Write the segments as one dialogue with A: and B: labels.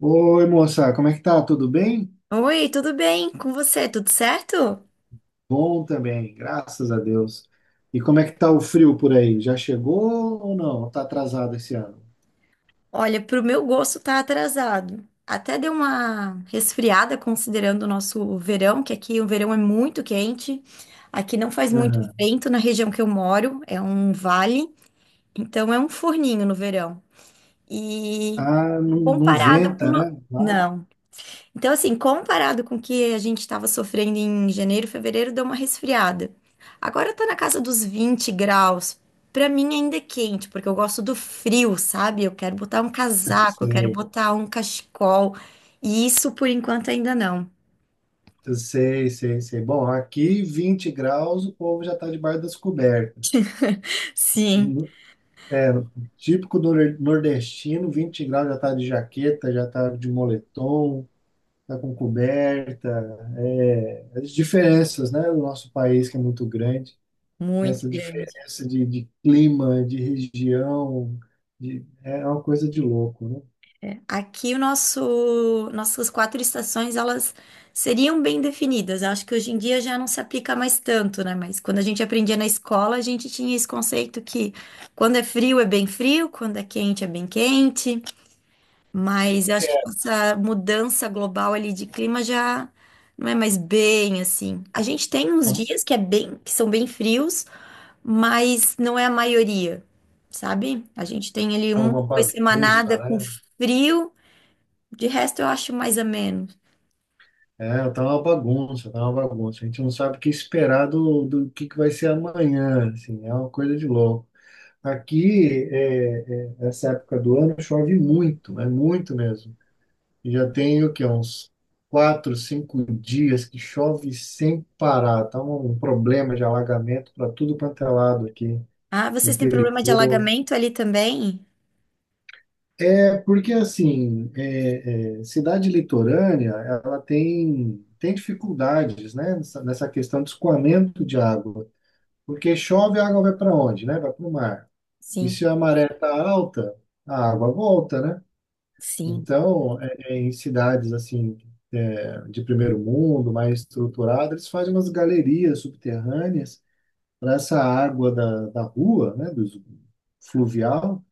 A: Oi, moça, como é que tá? Tudo bem?
B: Oi, tudo bem com você? Tudo certo?
A: Bom também, graças a Deus. E como é que tá o frio por aí? Já chegou ou não? Tá atrasado esse ano?
B: Olha, pro meu gosto tá atrasado. Até deu uma resfriada considerando o nosso verão, que aqui o verão é muito quente. Aqui não faz muito
A: Aham.
B: vento na região que eu moro, é um vale, então é um forninho no verão. E
A: Ah, não, não
B: comparado com
A: venta,
B: o no...
A: né?
B: Não. Então, assim, comparado com o que a gente estava sofrendo em janeiro, fevereiro, deu uma resfriada. Agora tá na casa dos 20 graus. Pra mim ainda é quente, porque eu gosto do frio, sabe? Eu quero botar um casaco, eu quero
A: Sei,
B: botar um cachecol. E isso por enquanto ainda não.
A: eu sei, sei, sei. Bom, aqui 20 graus, o povo já tá debaixo das cobertas.
B: Sim,
A: É, típico do nordestino, 20 graus já tá de jaqueta, já tá de moletom, tá com coberta. É, as diferenças, né, do nosso país que é muito grande.
B: muito
A: Essa
B: grande.
A: diferença de clima, de região, é uma coisa de louco, né?
B: Aqui o nosso, nossas quatro estações, elas seriam bem definidas. Eu acho que hoje em dia já não se aplica mais tanto, né? Mas quando a gente aprendia na escola, a gente tinha esse conceito que quando é frio é bem frio, quando é quente é bem quente. Mas eu acho que com essa mudança global ali de clima já não é mais bem assim. A gente tem uns
A: Tá
B: dias que é bem, que são bem frios, mas não é a maioria, sabe? A gente tem ali
A: tá uma
B: uma
A: bagunça,
B: semanada com
A: né?
B: frio. De resto, eu acho mais ou menos.
A: É, tá uma bagunça, tá uma bagunça. A gente não sabe o que esperar do que vai ser amanhã, assim, é uma coisa de louco. Aqui, essa época do ano, chove muito, é muito mesmo. E já tem o quê? Uns 4, 5 dias que chove sem parar. Tá um problema de alagamento para tudo quanto é lado aqui.
B: Ah, vocês têm problema de
A: Interior.
B: alagamento ali também?
A: É, porque assim, cidade litorânea, ela tem dificuldades, né, nessa questão de escoamento de água. Porque chove, a água vai para onde, né? Vai para o mar. E
B: Sim,
A: se a maré está alta, a água volta, né?
B: sim,
A: Então, em cidades assim, de primeiro mundo, mais estruturadas, eles fazem umas galerias subterrâneas para essa água da rua, né, do fluvial,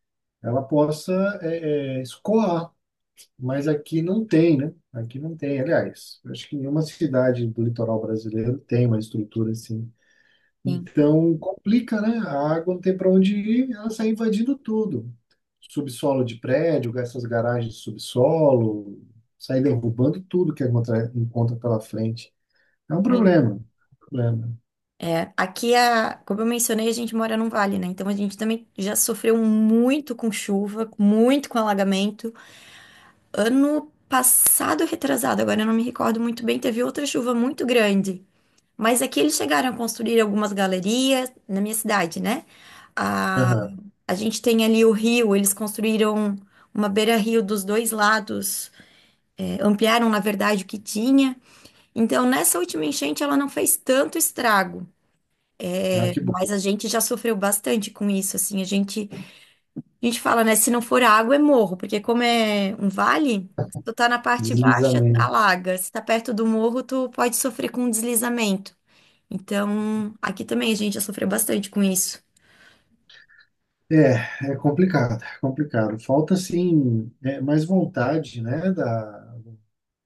A: ela possa escoar, mas aqui não tem, né? Aqui não tem, aliás, eu acho que nenhuma cidade do litoral brasileiro tem uma estrutura assim.
B: sim,
A: Então complica, né? A água não tem para onde ir, ela sai invadindo tudo. Subsolo de prédio, essas garagens de subsolo, sai derrubando tudo que encontra pela frente. É um
B: sim.
A: problema, um problema.
B: É, aqui, a, como eu mencionei, a gente mora num vale, né? Então a gente também já sofreu muito com chuva, muito com alagamento. Ano passado, retrasado, agora eu não me recordo muito bem, teve outra chuva muito grande. Mas aqui eles chegaram a construir algumas galerias na minha cidade, né? A,
A: Aham.
B: a gente tem ali o rio, eles construíram uma beira-rio dos dois lados. É, ampliaram, na verdade, o que tinha. Então, nessa última enchente, ela não fez tanto estrago,
A: Ah,
B: é,
A: que bom.
B: mas a gente já sofreu bastante com isso, assim, a gente fala, né, se não for água, é morro, porque como é um vale, se tu tá na parte baixa,
A: Deslizamento.
B: alaga, se tá perto do morro, tu pode sofrer com deslizamento. Então, aqui também a gente já sofreu bastante com isso.
A: É, é complicado, é complicado. Falta, sim, mais vontade, né, da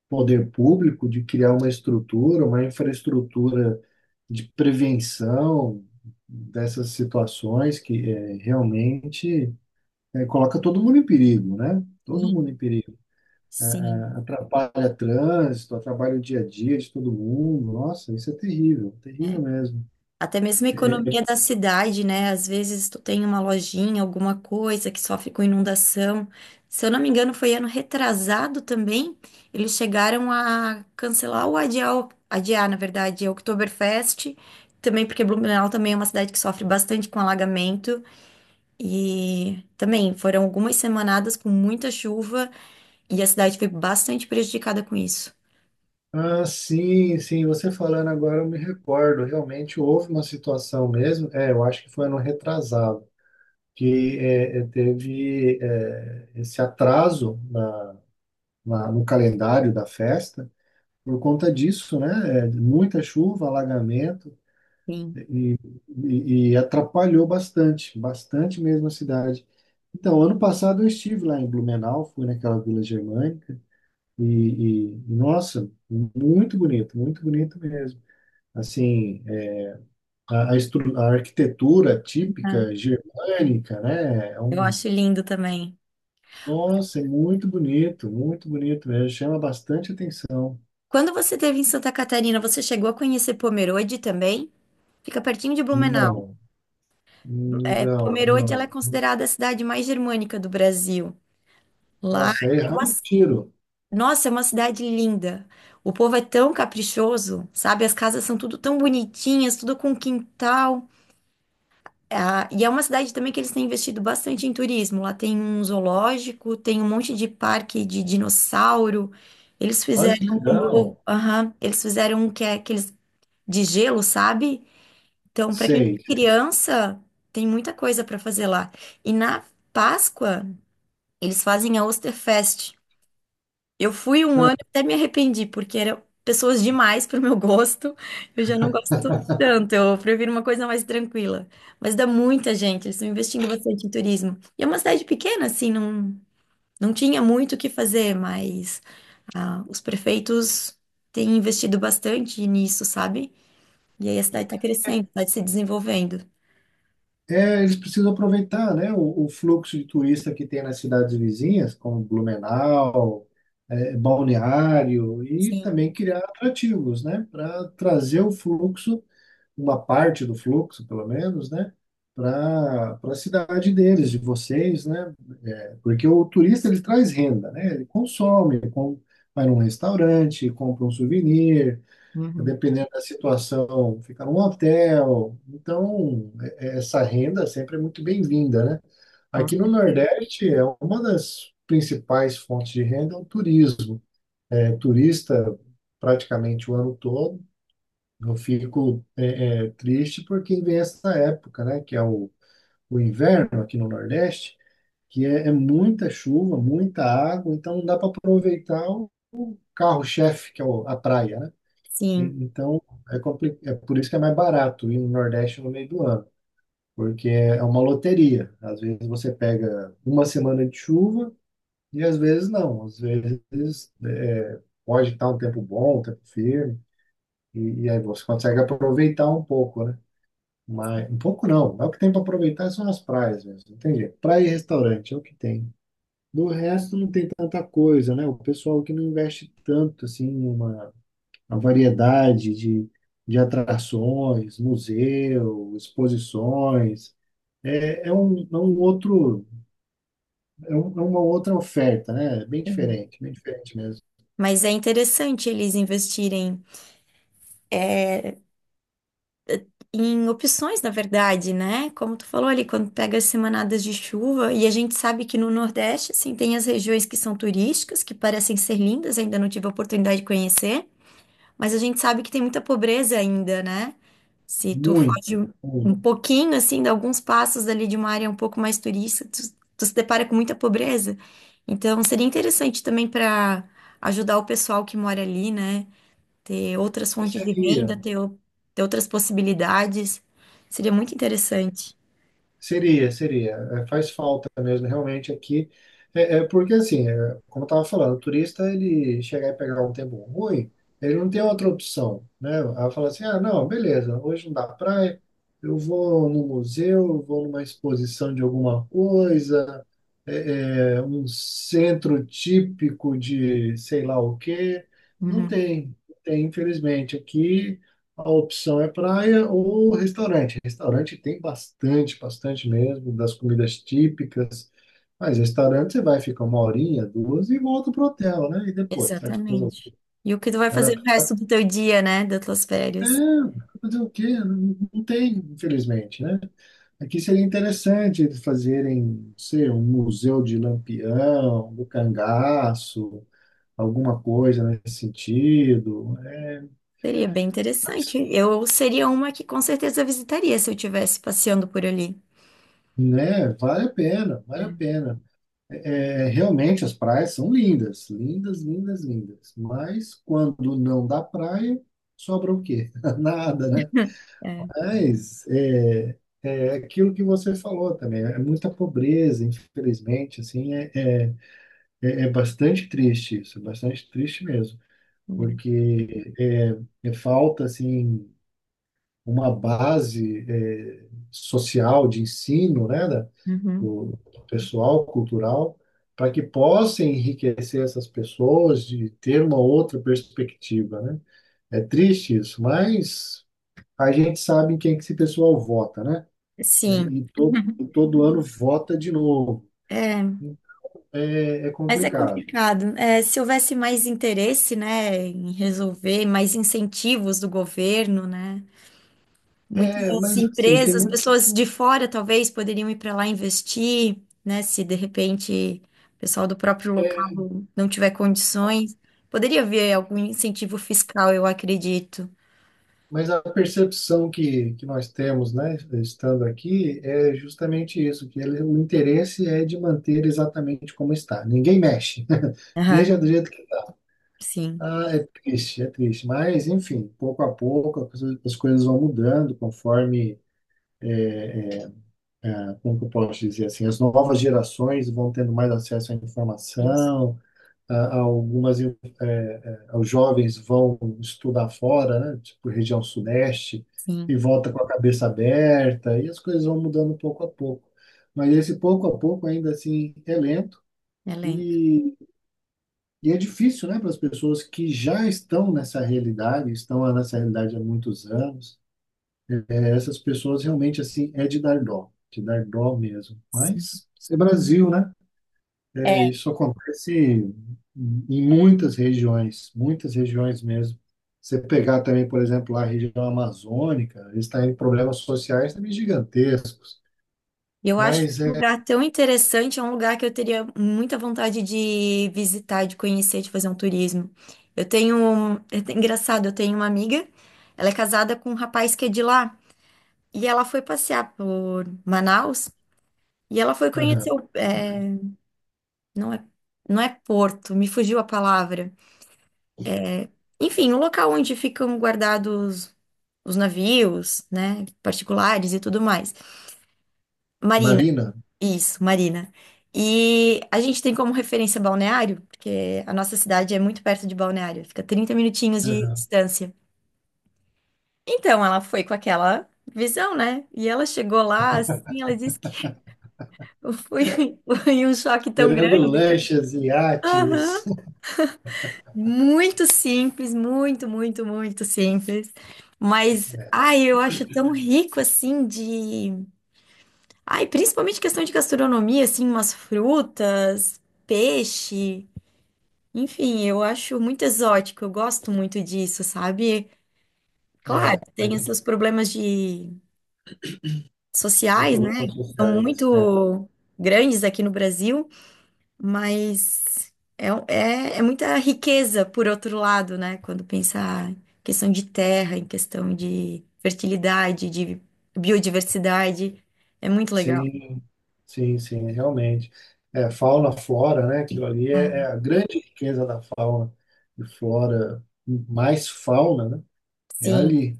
A: poder público de criar uma estrutura, uma infraestrutura de prevenção dessas situações que realmente coloca todo mundo em perigo, né? Todo
B: Sim,
A: mundo em perigo. É, é,
B: sim.
A: atrapalha trânsito, atrapalha o dia a dia de todo mundo. Nossa, isso é terrível, terrível
B: Né?
A: mesmo.
B: Até mesmo a economia da cidade, né? Às vezes tu tem uma lojinha, alguma coisa que sofre com inundação. Se eu não me engano, foi ano retrasado também. Eles chegaram a cancelar ou adiar, adiar, na verdade, a Oktoberfest. Também porque Blumenau também é uma cidade que sofre bastante com alagamento. E também foram algumas semanadas com muita chuva e a cidade foi bastante prejudicada com isso.
A: Ah, sim, sim, você falando agora eu me recordo, realmente houve uma situação mesmo, eu acho que foi ano retrasado, que teve esse atraso no calendário da festa, por conta disso, né, muita chuva, alagamento,
B: Sim.
A: e atrapalhou bastante, bastante mesmo a cidade. Então, ano passado eu estive lá em Blumenau, fui naquela Vila Germânica, e nossa, muito bonito mesmo. Assim, a arquitetura típica
B: É.
A: germânica, né?
B: Eu acho lindo também.
A: Nossa, é muito bonito mesmo, chama bastante atenção.
B: Quando você esteve em Santa Catarina, você chegou a conhecer Pomerode também? Fica pertinho de Blumenau.
A: Não,
B: É,
A: não,
B: Pomerode, ela é
A: não.
B: considerada a cidade mais germânica do Brasil. Lá
A: Nossa, aí
B: é uma,
A: erramos o tiro.
B: nossa, é uma cidade linda. O povo é tão caprichoso, sabe? As casas são tudo tão bonitinhas, tudo com quintal. Ah, e é uma cidade também que eles têm investido bastante em turismo. Lá tem um zoológico, tem um monte de parque de dinossauro. Eles
A: Olha que
B: fizeram um,
A: legal.
B: aham, eles fizeram um que é aqueles de gelo, sabe? Então, para quem
A: Sei.
B: tem criança, tem muita coisa para fazer lá. E na Páscoa, eles fazem a Osterfest. Eu fui um ano e
A: Ah,
B: até me arrependi, porque eram pessoas demais para o meu gosto. Eu já não gosto tanto, eu prefiro uma coisa mais tranquila. Mas dá muita gente, eles estão investindo bastante em turismo. E é uma cidade pequena, assim, não, não tinha muito o que fazer, mas ah, os prefeitos têm investido bastante nisso, sabe? E aí a cidade está
A: É,
B: crescendo, está se desenvolvendo.
A: eles precisam aproveitar, né, o fluxo de turista que tem nas cidades vizinhas, como Blumenau, Balneário, e
B: Sim.
A: também criar atrativos, né, para trazer o fluxo uma parte do fluxo, pelo menos, né, para a cidade deles, de vocês, né? Porque o turista ele traz renda, né? Ele consome, vai num restaurante, compra um souvenir, dependendo da situação, fica num hotel. Então, essa renda sempre é muito bem-vinda, né?
B: Com
A: Aqui no
B: certeza.
A: Nordeste é uma das principais fontes de renda é o turismo. É turista praticamente o ano todo, eu fico triste porque vem essa época, né, que é o inverno aqui no Nordeste, que é muita chuva, muita água, então não dá para aproveitar o carro-chefe, que é a praia, né?
B: Sim.
A: Então, é por isso que é mais barato ir no Nordeste no meio do ano, porque é uma loteria. Às vezes você pega uma semana de chuva e às vezes não. Às vezes pode estar um tempo bom, um tempo firme, e aí você consegue aproveitar um pouco, né? Mas, um pouco não. Mas o que tem para aproveitar são as praias mesmo. Não tem Praia e restaurante é o que tem. Do resto não tem tanta coisa, né? O pessoal que não investe tanto assim em uma variedade de atrações, museu, exposições. É, é um, é um outro, é uma outra oferta, né?
B: Sim.
A: Bem diferente mesmo.
B: Mas é interessante eles investirem em opções, na verdade, né? Como tu falou ali, quando pega as semanadas de chuva, e a gente sabe que no Nordeste, assim, tem as regiões que são turísticas, que parecem ser lindas, ainda não tive a oportunidade de conhecer. Mas a gente sabe que tem muita pobreza ainda, né? Se tu foge
A: Muita,
B: um
A: muita.
B: pouquinho, assim, de alguns passos ali de uma área um pouco mais turista, tu se depara com muita pobreza. Então, seria interessante também para ajudar o pessoal que mora ali, né? Ter outras fontes de renda, ter outras possibilidades. Seria muito interessante.
A: Seria, seria. É, faz falta mesmo, realmente, aqui. É porque, assim, como eu estava falando, o turista, ele chegar e pegar um tempo ruim, ele não tem outra opção, né? Ela fala assim, ah, não, beleza, hoje não dá praia, eu vou no museu, eu vou numa exposição de alguma coisa, um centro típico de sei lá o quê. Não
B: Uhum,
A: tem, não tem, infelizmente. Aqui a opção é praia ou restaurante. Restaurante tem bastante, bastante mesmo, das comidas típicas. Mas restaurante você vai ficar uma horinha, duas e volta pro hotel, né? E depois, você vai fazer.
B: exatamente. E o que tu vai
A: Ah,
B: fazer no
A: tá,
B: resto do teu dia, né? Das tuas
A: é,
B: férias?
A: fazer o quê? Não, não tem, infelizmente, né? Aqui seria interessante eles fazerem, não sei, um museu de Lampião, do cangaço, alguma coisa nesse sentido,
B: Seria bem interessante. Eu seria uma que com certeza visitaria se eu estivesse passeando por ali.
A: né? Vale a pena, vale a
B: É,
A: pena. Realmente as praias são lindas, lindas, lindas, lindas. Mas quando não dá praia, sobra o quê? Nada, né.
B: é,
A: Mas é aquilo que você falou também, é muita pobreza, infelizmente, assim, é bastante triste isso, é bastante triste mesmo, porque é falta, assim, uma base, social, de ensino, né,
B: Uhum.
A: do, do pessoal cultural, para que possa enriquecer essas pessoas de ter uma outra perspectiva, né? É triste isso, mas a gente sabe em quem que esse pessoal vota, né? Né?
B: Sim.
A: E todo, todo ano vota de novo.
B: É,
A: É
B: mas é
A: complicado.
B: complicado. É, se houvesse mais interesse, né, em resolver, mais incentivos do governo, né?
A: É,
B: Muitas
A: mas assim,
B: empresas, pessoas de fora talvez poderiam ir para lá investir, né? Se de repente o pessoal do próprio local não tiver condições, poderia haver algum incentivo fiscal, eu acredito.
A: mas a percepção que nós temos, né, estando aqui, é justamente isso, que o interesse é de manter exatamente como está. Ninguém mexe.
B: Aham,
A: Deixa do jeito que tá.
B: sim,
A: Ah, é triste, é triste. Mas, enfim, pouco a pouco as coisas vão mudando conforme, ah, como que eu posso dizer, assim, as novas gerações vão tendo mais acesso à
B: isso,
A: informação, ah, os jovens vão estudar fora, né? Tipo região sudeste,
B: sim,
A: e volta com a cabeça aberta e as coisas vão mudando pouco a pouco. Mas esse pouco a pouco ainda assim é lento
B: elenco.
A: e, e é difícil, né, para as pessoas que já estão nessa realidade há muitos anos. Eh, essas pessoas realmente, assim, é de dar dó mesmo.
B: Sim.
A: Mas isso é Brasil, né?
B: É,
A: Isso acontece em muitas regiões mesmo. Você pegar também, por exemplo, a região amazônica, eles têm problemas sociais também gigantescos.
B: eu acho
A: Mas
B: um
A: é.
B: lugar tão interessante, é um lugar que eu teria muita vontade de visitar, de conhecer, de fazer um turismo. Eu tenho, é engraçado, eu tenho uma amiga, ela é casada com um rapaz que é de lá, e ela foi passear por Manaus, e ela foi conhecer
A: Aham.
B: o, é, não é, não é Porto, me fugiu a palavra. Enfim, o local onde ficam guardados os navios, né, particulares e tudo mais. Marina,
A: Marina,
B: isso, Marina. E a gente tem como referência Balneário, porque a nossa cidade é muito perto de Balneário, fica 30 minutinhos de
A: aham.
B: distância. Então ela foi com aquela visão, né? E ela chegou lá, assim, ela disse que foi, foi um choque tão
A: Esperando
B: grande.
A: lanchas e
B: Aham.
A: iates.
B: Muito simples, muito, muito, muito simples. Mas, ai, eu acho tão rico assim de. Ai, principalmente questão de gastronomia, assim, umas frutas, peixe. Enfim, eu acho muito exótico, eu gosto muito disso, sabe? Claro,
A: É, é,
B: tem esses problemas de
A: os
B: sociais, né?
A: problemas
B: São
A: sociais. É.
B: muito grandes aqui no Brasil, mas é, um, é, é muita riqueza, por outro lado, né? Quando pensar em questão de terra, em questão de fertilidade, de biodiversidade, é muito legal.
A: Sim, sim, sim, realmente. É, fauna, flora, né? Aquilo ali é
B: Ah,
A: a grande riqueza da fauna e flora, mais fauna, né? É
B: sim,
A: ali.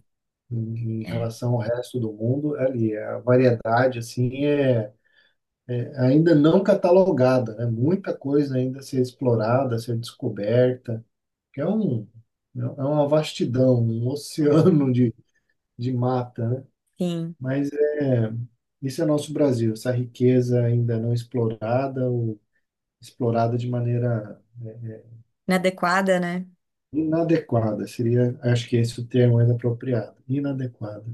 A: Em
B: é,
A: relação ao resto do mundo, é ali, a variedade assim é ainda não catalogada, né? Muita coisa ainda a ser explorada, a ser descoberta, que é uma vastidão, um
B: é,
A: oceano de mata, né?
B: sim.
A: Mas é isso, é nosso Brasil, essa riqueza ainda não explorada ou explorada de maneira
B: Inadequada, né?
A: inadequada, seria, acho que esse é o termo mais apropriado, inadequada.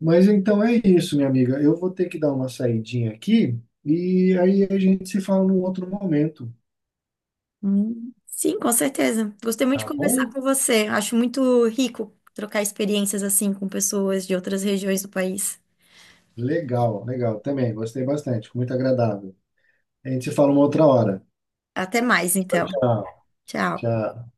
A: Mas então é isso, minha amiga. Eu vou ter que dar uma saidinha aqui e aí a gente se fala num outro momento,
B: Sim, com certeza. Gostei muito de
A: tá
B: conversar
A: bom?
B: com você. Acho muito rico trocar experiências assim com pessoas de outras regiões do país.
A: Legal, legal. Também gostei bastante, foi muito agradável. A gente se fala uma outra hora.
B: Até mais,
A: Tchau,
B: então.
A: tchau.
B: Tchau.
A: Tchau.